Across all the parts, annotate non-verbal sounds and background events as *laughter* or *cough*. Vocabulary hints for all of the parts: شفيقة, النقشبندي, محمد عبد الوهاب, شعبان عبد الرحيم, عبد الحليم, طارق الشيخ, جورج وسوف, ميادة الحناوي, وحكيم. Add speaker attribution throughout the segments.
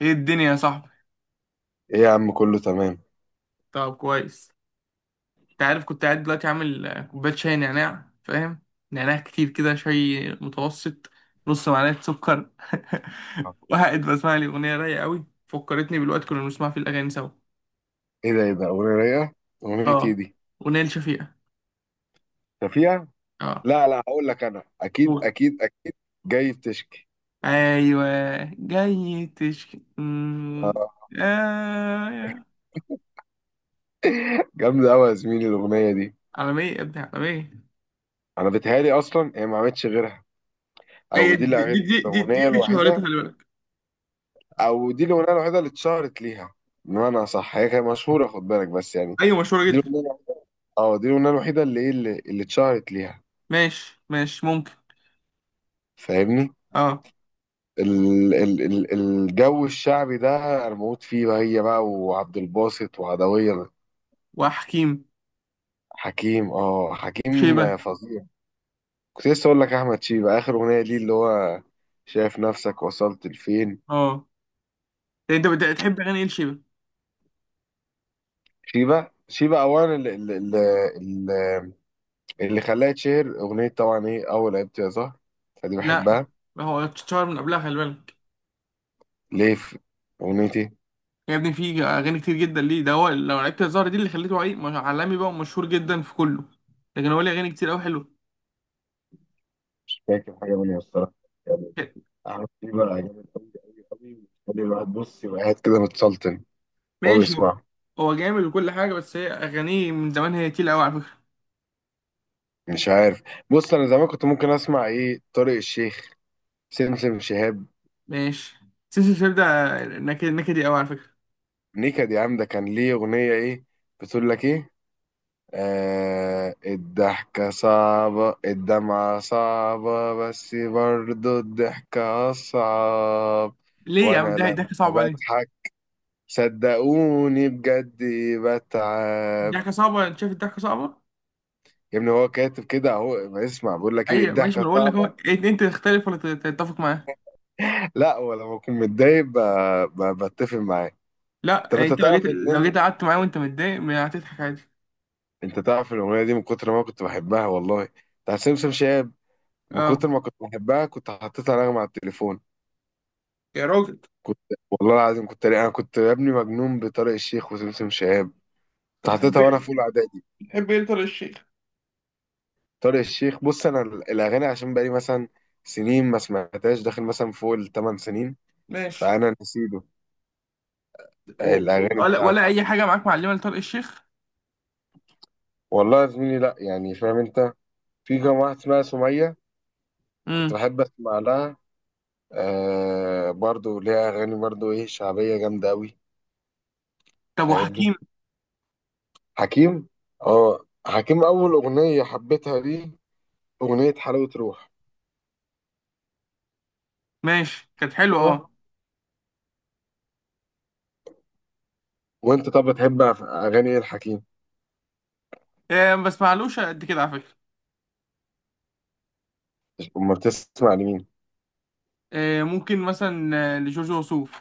Speaker 1: ايه الدنيا يا صاحبي؟
Speaker 2: ايه يا عم، كله تمام.
Speaker 1: طب كويس. انت عارف كنت قاعد دلوقتي عامل كوبايه شاي نعناع، فاهم؟ نعناع كتير كده، شاي متوسط، نص معلقه سكر. *laughs* وقاعد بسمع لي اغنيه رايقه قوي، فكرتني بالوقت كنا بنسمع فيه الاغاني سوا.
Speaker 2: ايه ده ايه ده اغنيه رايقه. اغنيه ايه
Speaker 1: اه،
Speaker 2: دي؟
Speaker 1: اغنيه لشفيقه.
Speaker 2: شفيقة.
Speaker 1: اه.
Speaker 2: لا لا، هقول لك انا اكيد
Speaker 1: قول.
Speaker 2: اكيد اكيد. جاي بتشكي.
Speaker 1: ايوه. جاي تشكي.
Speaker 2: آه.
Speaker 1: آه.
Speaker 2: جامده قوي يا زميلي الاغنيه دي.
Speaker 1: عالميه يا ابني، عالميه.
Speaker 2: انا بتهيالي اصلا هي ما عملتش غيرها. او
Speaker 1: هي
Speaker 2: دي
Speaker 1: دي دي دي دي, دي
Speaker 2: الاغنيه
Speaker 1: اللي شهرتها،
Speaker 2: الوحيده.
Speaker 1: خلي بالك.
Speaker 2: او دي الاغنيه الوحيده اللي اتشهرت ليها. بمعنى صح هي كانت مشهوره خد بالك، بس يعني
Speaker 1: ايوه، مشهوره
Speaker 2: دي
Speaker 1: جدا.
Speaker 2: الاغنيه. اه دي الاغنيه الوحيده اللي اتشهرت ليها.
Speaker 1: ماشي ماشي، ممكن.
Speaker 2: فاهمني.
Speaker 1: اه.
Speaker 2: ال ال ال الجو الشعبي ده، انا بموت فيه بقى، هي بقى وعبد الباسط وعدوية.
Speaker 1: وحكيم.
Speaker 2: حكيم، اه حكيم
Speaker 1: شيبة.
Speaker 2: فظيع. كنت لسه اقول لك احمد شيبة اخر اغنية ليه اللي هو شايف نفسك وصلت لفين.
Speaker 1: اه. ده انت بتحب اغاني ايه لشيبة؟
Speaker 2: شيبة، شيبة اولا اللي, اللي خلاها تشهر اغنية طبعا ايه، اول عيبتي يا زهر، فدي
Speaker 1: لا،
Speaker 2: بحبها.
Speaker 1: هو اتشهر من قبلها، خلي بالك.
Speaker 2: ليه في اغنيتي.
Speaker 1: يا ابني، في اغاني كتير جدا ليه، ده هو لو لعبت الزهرة دي اللي خليته عالمي بقى ومشهور جدا في كله. لكن هو ليه اغاني كتير قوي حلوه.
Speaker 2: مش فاكر حاجة منها الصراحة يعني. احمد شيبة عجبني قوي قوي قوي، بيخلي الواحد بص يبقى قاعد كده متسلطن وهو
Speaker 1: ماشي. هو
Speaker 2: بيسمع.
Speaker 1: هو جامد وكل حاجة، بس هي اغانيه من زمان هي تقيلة قوي على فكرة.
Speaker 2: مش عارف. بص انا زمان كنت ممكن اسمع ايه، طارق الشيخ، سمسم شهاب.
Speaker 1: ماشي. سلسلة شيب ده نكدي قوي على فكرة.
Speaker 2: نكد يا عم، ده كان ليه اغنيه ايه، بتقول لك ايه، آه الضحكه صعبه الدمعه صعبه بس برضو الضحكه اصعب.
Speaker 1: ليه يا
Speaker 2: وانا
Speaker 1: عم ده
Speaker 2: لما
Speaker 1: ضحكة صعبة ليه؟
Speaker 2: بضحك صدقوني بجد بتعب.
Speaker 1: الضحكة صعبة؟ انت شايف الضحكة صعبة؟
Speaker 2: يا ابني هو كاتب كده اهو، ما اسمع بقول لك ايه،
Speaker 1: ايوه ماشي، ما
Speaker 2: الضحكه
Speaker 1: أنا بقول لك اهو،
Speaker 2: صعبه.
Speaker 1: انت تختلف ولا تتفق معاه؟
Speaker 2: لا، ولما اكون متضايق بتفق معاه.
Speaker 1: لا
Speaker 2: طب
Speaker 1: يعني
Speaker 2: انت
Speaker 1: انت لو جيت،
Speaker 2: تعرف
Speaker 1: لو
Speaker 2: ان،
Speaker 1: جيت قعدت معاه وانت متضايق ما هتضحك عادي.
Speaker 2: انت تعرف الاغنيه دي من كتر ما كنت بحبها والله، بتاع سمسم شاب، من
Speaker 1: اه
Speaker 2: كتر ما كنت بحبها كنت حطيتها نغمه على التليفون.
Speaker 1: يا راجل.
Speaker 2: كنت، والله العظيم كنت، انا كنت يا ابني مجنون بطارق الشيخ وسمسم شاب. كنت
Speaker 1: طب بتحب
Speaker 2: حطيتها وانا في
Speaker 1: ايه؟
Speaker 2: اولى اعدادي.
Speaker 1: بتحب ايه طارق الشيخ؟
Speaker 2: طارق الشيخ، بص انا الاغاني عشان بقالي مثلا سنين ما سمعتهاش، داخل مثلا فوق 8 سنين،
Speaker 1: ماشي.
Speaker 2: فانا نسيته
Speaker 1: و-
Speaker 2: الاغاني
Speaker 1: ولا
Speaker 2: بتاعته.
Speaker 1: ولا اي حاجه معاك معلمه لطارق الشيخ.
Speaker 2: والله يا زميلي لا، يعني فاهم انت. في كام واحد اسمها سميه كنت
Speaker 1: امم.
Speaker 2: بحب اسمع لها، آه برضو ليها اغاني برضو ايه شعبيه جامده قوي.
Speaker 1: طب وحكيم.
Speaker 2: فاهمني. حكيم، اه حكيم اول اغنيه حبيتها ليه اغنيه حلاوه روح.
Speaker 1: ماشي كانت حلوه
Speaker 2: كده.
Speaker 1: اه.
Speaker 2: وانت طب بتحب اغاني ايه الحكيم؟
Speaker 1: ما بسمعلوش قد كده على فكره.
Speaker 2: امال تسمع لمين؟
Speaker 1: ممكن مثلا لجورج وسوف.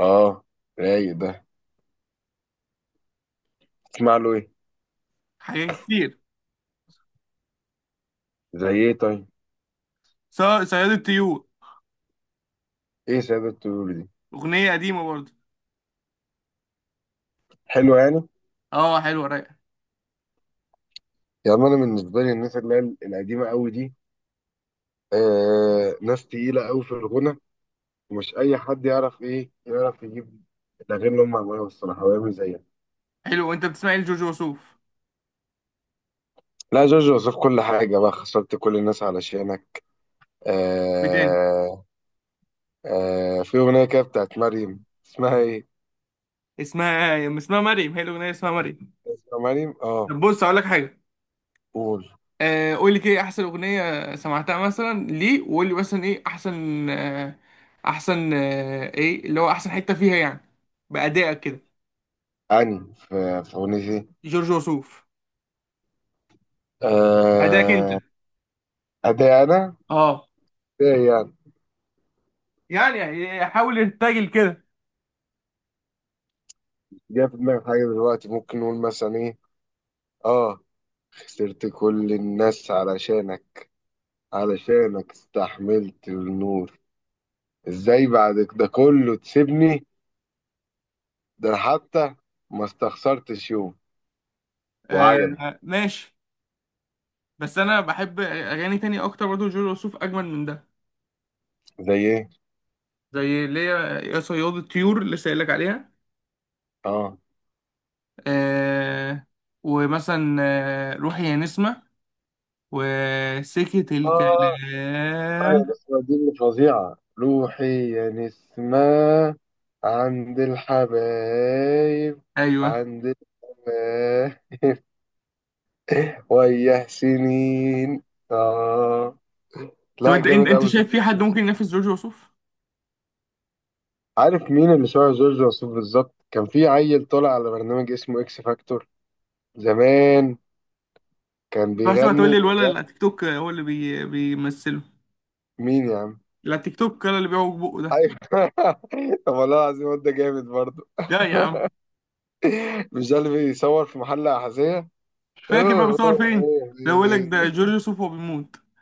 Speaker 2: اه رايق ده. تسمع له ايه؟
Speaker 1: حاجات كتير.
Speaker 2: زي ايه طيب؟
Speaker 1: ص- صياد الطيور.
Speaker 2: ايه ساده الطيور دي؟
Speaker 1: اغنيه قديمه برضه.
Speaker 2: حلو يعني.
Speaker 1: اه، حلوه رايقه.
Speaker 2: يعني انا بالنسبه لي الناس اللي هي القديمه قوي دي، آه ناس تقيله قوي في الغنى، ومش اي حد يعرف ايه، يعرف يجيب الاغاني اللي هم عملوها الصراحه ويعمل زيها.
Speaker 1: حلو. وانت بتسمع ايه لجورج وسوف؟
Speaker 2: لا، جورج وسوف كل حاجه بقى، خسرت كل الناس علشانك.
Speaker 1: وايه تاني؟
Speaker 2: آه. آه في أغنية كده بتاعت مريم. اسمها إيه؟
Speaker 1: اسمها اسمها مريم، هي الاغنيه اسمها مريم.
Speaker 2: اسمها مريم؟ آه.
Speaker 1: طب بص اقول لك حاجه.
Speaker 2: قول
Speaker 1: قول لي كده إيه احسن اغنيه سمعتها مثلا ليه، وقول لي مثلا ايه احسن احسن ايه اللي هو احسن حته فيها، يعني بادائك كده.
Speaker 2: أني في أغنيتي.
Speaker 1: جورج وسوف. ادائك، اه انت.
Speaker 2: آه. أداء أنا.
Speaker 1: اه.
Speaker 2: أداء يعني.
Speaker 1: يعني يعني حاول ارتجل كده.
Speaker 2: جاي في دماغي حاجة دلوقتي ممكن نقول مثلا إيه؟ آه. خسرت كل الناس علشانك، علشانك استحملت النور، إزاي بعد ده كله تسيبني، ده أنا حتى ما استخسرتش يوم وعجبي.
Speaker 1: آه ماشي. بس انا بحب اغاني تانية اكتر برضو جورج وسوف اجمل من ده.
Speaker 2: زي إيه؟
Speaker 1: زي اللي هي يا صياد الطيور اللي سايلك عليها.
Speaker 2: آه
Speaker 1: آه. ومثلا روحي يا نسمة، وسكت
Speaker 2: آه آه يا
Speaker 1: الكلام.
Speaker 2: نسمة دي اللي فظيعة، روحي يا نسمة عند الحبايب،
Speaker 1: ايوه.
Speaker 2: عند الحبايب وياه سنين. آه.
Speaker 1: طب
Speaker 2: لا
Speaker 1: انت انت
Speaker 2: جامد
Speaker 1: انت
Speaker 2: أوي
Speaker 1: شايف
Speaker 2: جورج
Speaker 1: في حد
Speaker 2: وسوف.
Speaker 1: ممكن ينافس جورج وسوف؟
Speaker 2: عارف مين اللي شبه جورج وسوف بالظبط؟ كان في عيل طالع على برنامج اسمه إكس فاكتور زمان، كان
Speaker 1: بحسب هتقول
Speaker 2: بيغني،
Speaker 1: لي
Speaker 2: مش
Speaker 1: الولد اللي على
Speaker 2: عارف.
Speaker 1: تيك توك، هو اللي بيمثله.
Speaker 2: مين يا عم.
Speaker 1: لا، تيك توك ولا اللي بيعوج بقه ده.
Speaker 2: ايوه *laughs* طب والله العظيم الواد ده جامد برضه.
Speaker 1: لا يا عم.
Speaker 2: مش ده اللي بيصور في محل أحذية؟
Speaker 1: مش فاكر بقى
Speaker 2: اوه اوه
Speaker 1: بيصور فين.
Speaker 2: اوه
Speaker 1: ده بقول لك ده
Speaker 2: يعني.
Speaker 1: جورج وسوف وهو بيموت. *laughs*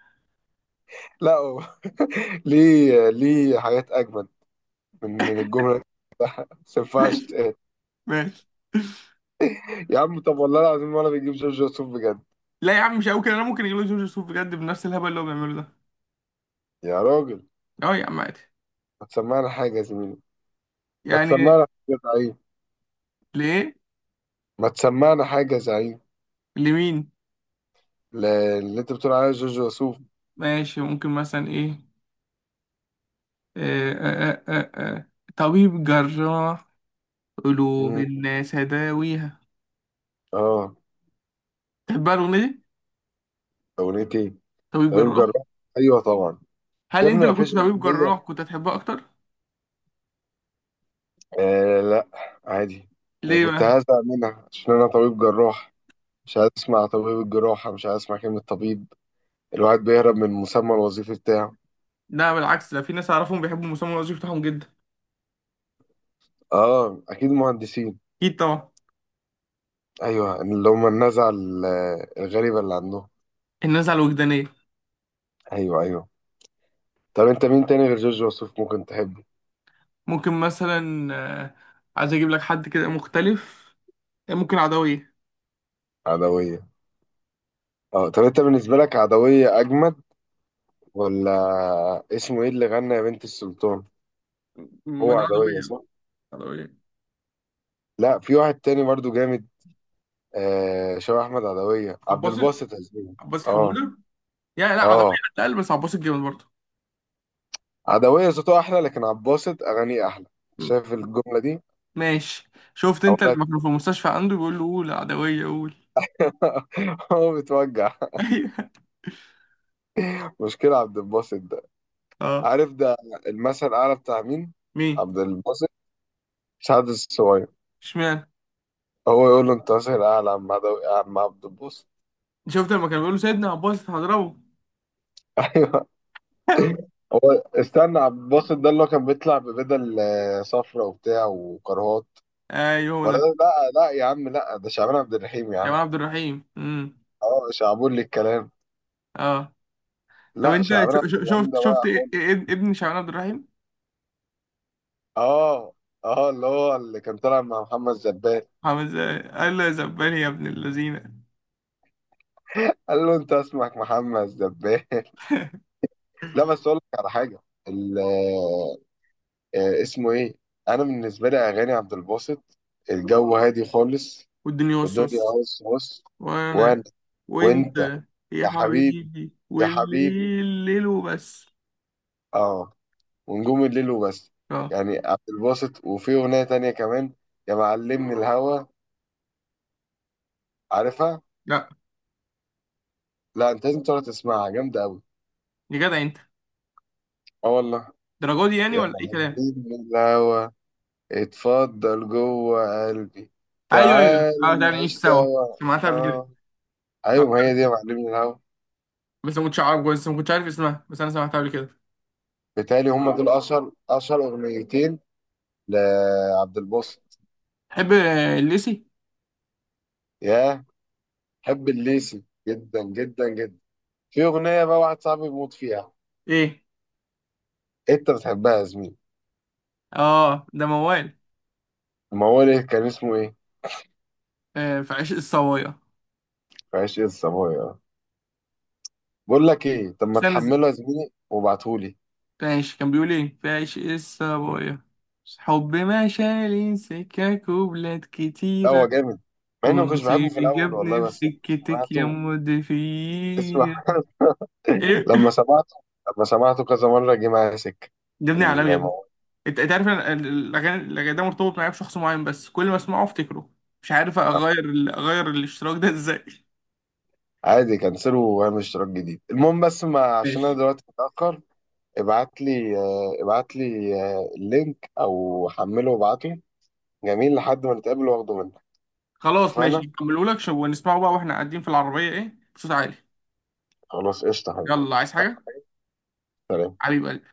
Speaker 2: لا هو. *laughs* ليه، ليه حاجات اجمد من الجمله دي، بس ما ينفعش
Speaker 1: ماشي
Speaker 2: تتقال.
Speaker 1: ماشي.
Speaker 2: يا عم طب والله العظيم ولا بيجيب جورج وسوف بجد.
Speaker 1: لا يا عم مش قوي كده، انا ممكن يجيبوا جورج وسوف بجد بنفس الهبل اللي هو بيعمله ده.
Speaker 2: يا راجل.
Speaker 1: اه يا عم عادي.
Speaker 2: ما تسمعنا حاجه يا زميلي. ما
Speaker 1: يعني.
Speaker 2: تسمعنا حاجه يا زعيم.
Speaker 1: ليه؟
Speaker 2: ما تسمعنا حاجه يا زعيم.
Speaker 1: لمين؟
Speaker 2: اللي انت بتقول عليها جورج وسوف.
Speaker 1: ماشي ممكن مثلا ايه. آه آه آه آه. آه. طبيب جراح، قلوب
Speaker 2: مم.
Speaker 1: الناس هداويها.
Speaker 2: اه.
Speaker 1: تحبها الاغنيه دي؟
Speaker 2: اغنيه ايه؟
Speaker 1: طبيب
Speaker 2: طبيب
Speaker 1: جراح.
Speaker 2: جراح. ايوه طبعا.
Speaker 1: هل
Speaker 2: يا ابني
Speaker 1: انت
Speaker 2: ما
Speaker 1: لو كنت
Speaker 2: فيش
Speaker 1: طبيب
Speaker 2: اغنيه،
Speaker 1: جراح كنت هتحبها اكتر؟
Speaker 2: آه لا، عادي. انا
Speaker 1: ليه
Speaker 2: كنت
Speaker 1: بقى؟
Speaker 2: هزعل منها عشان انا طبيب جراح، مش عايز اسمع طبيب الجراحة، مش عايز اسمع كلمة طبيب. الواحد بيهرب من المسمى الوظيفي بتاعه.
Speaker 1: لا بالعكس، ده في ناس اعرفهم بيحبوا المسمى الوظيفي بتاعهم جدا.
Speaker 2: اه اكيد مهندسين.
Speaker 1: اكيد طبعا.
Speaker 2: ايوه اللي هم النزعة الغريبة اللي عندهم.
Speaker 1: الناس على الوجدانيه.
Speaker 2: ايوه ايوه. طب انت مين تاني غير جورج وسوف ممكن تحبه؟
Speaker 1: ممكن مثلا آه، عايز اجيب لك حد كده مختلف. ممكن عدويه.
Speaker 2: عدوية. اه طب انت بالنسبة لك عدوية اجمد ولا؟ اسمه ايه اللي غنى يا بنت السلطان؟
Speaker 1: ما
Speaker 2: هو
Speaker 1: ده
Speaker 2: عدوية
Speaker 1: عدويه.
Speaker 2: صح؟
Speaker 1: عدويه.
Speaker 2: لا، في واحد تاني برضو جامد، آه شبه احمد عدوية، عبد
Speaker 1: عباسط.
Speaker 2: الباسط عزوزي.
Speaker 1: عباسط
Speaker 2: اه.
Speaker 1: حموده. يا لا عدويه.
Speaker 2: اه.
Speaker 1: اتقل بس عباسط جامد برضه.
Speaker 2: عدوية صوته أحلى لكن عباسط أغانيه أحلى.
Speaker 1: م.
Speaker 2: شايف الجملة دي؟
Speaker 1: ماشي، شفت
Speaker 2: أقول
Speaker 1: انت
Speaker 2: لك.
Speaker 1: لما كانوا في المستشفى عنده بيقول له قول عدويه قول. *laughs*
Speaker 2: *laughs* هو بتوجع.
Speaker 1: ايوه.
Speaker 2: مشكلة عبد الباسط ده،
Speaker 1: اه.
Speaker 2: عارف ده المثل الأعلى بتاع مين؟
Speaker 1: مين؟
Speaker 2: عبد الباسط؟ سعد الصغير.
Speaker 1: اشمعنى؟
Speaker 2: هو يقول له أنت مثل الأعلى يا عم عدوي يا عم عبد الباسط.
Speaker 1: شفت لما كان بيقول له سيدنا عباسط هضربه.
Speaker 2: *laughs* أيوه.
Speaker 1: *laughs*
Speaker 2: هو استنى عبد الباسط ده اللي هو كان بيطلع ببدل صفرا وبتاع وكرهات.
Speaker 1: ايوه، هو
Speaker 2: ولا ده؟
Speaker 1: ده.
Speaker 2: لا لا يا عم، لا ده شعبان عبد الرحيم يا عم.
Speaker 1: شعبان عبد الرحيم. امم.
Speaker 2: اه شعبولي الكلام.
Speaker 1: اه. طب
Speaker 2: لا
Speaker 1: انت
Speaker 2: شعبان عبد الرحيم
Speaker 1: شفت
Speaker 2: ده واقع خالص.
Speaker 1: ابن شعبان عبد الرحيم؟
Speaker 2: اه. اه اللي هو اللي كان طالع مع محمد زبان.
Speaker 1: عامل ازاي قال له يا زبال يا ابن اللذينه.
Speaker 2: قال له انت اسمك محمد زبان. *laughs* لا بس اقول لك على حاجه. ال- اسمه ايه. انا بالنسبه لي اغاني عبد الباسط الجو هادي خالص.
Speaker 1: والدنيا
Speaker 2: الدنيا
Speaker 1: والصوص.
Speaker 2: بص بص. وانا.
Speaker 1: وانا.
Speaker 2: وانت.
Speaker 1: وانت. يا
Speaker 2: يا حبيبي.
Speaker 1: حبيبي،
Speaker 2: يا حبيبي.
Speaker 1: والليل ليل وبس.
Speaker 2: اه. ونجوم الليل وبس.
Speaker 1: اه.
Speaker 2: يعني عبد الباسط، وفي اغنيه تانية كمان، يا معلمني الهوى. عارفها؟
Speaker 1: لا
Speaker 2: لا، انت لازم تقعد تسمعها جامده قوي.
Speaker 1: يا جدع انت،
Speaker 2: اه والله.
Speaker 1: الدرجه دي يعني
Speaker 2: يا
Speaker 1: ولا اي كلام.
Speaker 2: معلمني الهوى اتفضل جوه قلبي
Speaker 1: ايوه ايوه
Speaker 2: تعال
Speaker 1: اه، ده نعيش
Speaker 2: نعيش
Speaker 1: سوا.
Speaker 2: سوا.
Speaker 1: سمعتها قبل كده.
Speaker 2: اه. ايوه
Speaker 1: سمعتها
Speaker 2: ما هي
Speaker 1: قبل
Speaker 2: دي يا
Speaker 1: كده
Speaker 2: معلمي الهوا.
Speaker 1: بس ما كنتش عارف، بس ما كنتش عارف اسمها، بس انا سمعتها قبل كده.
Speaker 2: بالتالي هم دول اشهر اشهر اغنيتين لعبد الباسط.
Speaker 1: تحب الليسي؟
Speaker 2: ياه. حب الليسي جدا جدا جدا. في اغنيه بقى واحد صاحبي بيموت فيها.
Speaker 1: ايه.
Speaker 2: انت بتحبها يا زميلي؟
Speaker 1: اه ده موال.
Speaker 2: ما هو ليه كان اسمه ايه،
Speaker 1: في عشق الصوايا.
Speaker 2: في عشق الصبايا. بقول لك ايه، طب ما
Speaker 1: استنى س-
Speaker 2: تحمله يا زميلي وابعتهولي.
Speaker 1: ماشي. كان بيقول ايه فايش الصبايا، حب ما شالي سكك وبلاد
Speaker 2: لا
Speaker 1: كتيرة.
Speaker 2: هو جامد، مع اني ما كنتش بحبه في
Speaker 1: ونصيبي
Speaker 2: الاول
Speaker 1: جابني
Speaker 2: والله
Speaker 1: في
Speaker 2: بس لما
Speaker 1: سكتك يا
Speaker 2: سمعته. اسمع.
Speaker 1: مدفير. ايه؟
Speaker 2: لما سمعته لما سمعته كذا مرة جه معايا سكة
Speaker 1: جابني عالمي يا ابني.
Speaker 2: الموضوع.
Speaker 1: انت عارف انا الاغاني الأغاني ده مرتبط معايا بشخص معين، بس كل ما اسمعه افتكره. مش عارف اغير اغير الاشتراك ده ازاي. *laughs*
Speaker 2: عادي كنسله واعمل اشتراك جديد. المهم بس، ما عشان انا
Speaker 1: ماشي.
Speaker 2: دلوقتي متأخر، ابعت لي اللينك او حمله وابعته. جميل، لحد ما نتقابل واخده منك.
Speaker 1: خلاص ماشي،
Speaker 2: اتفقنا.
Speaker 1: نكمله لك ونسمعه بقى واحنا قاعدين في العربية ايه بصوت عالي.
Speaker 2: خلاص قشطة يا حبيبي.
Speaker 1: يلا، عايز حاجة؟
Speaker 2: سلام.
Speaker 1: حبيب قلبي.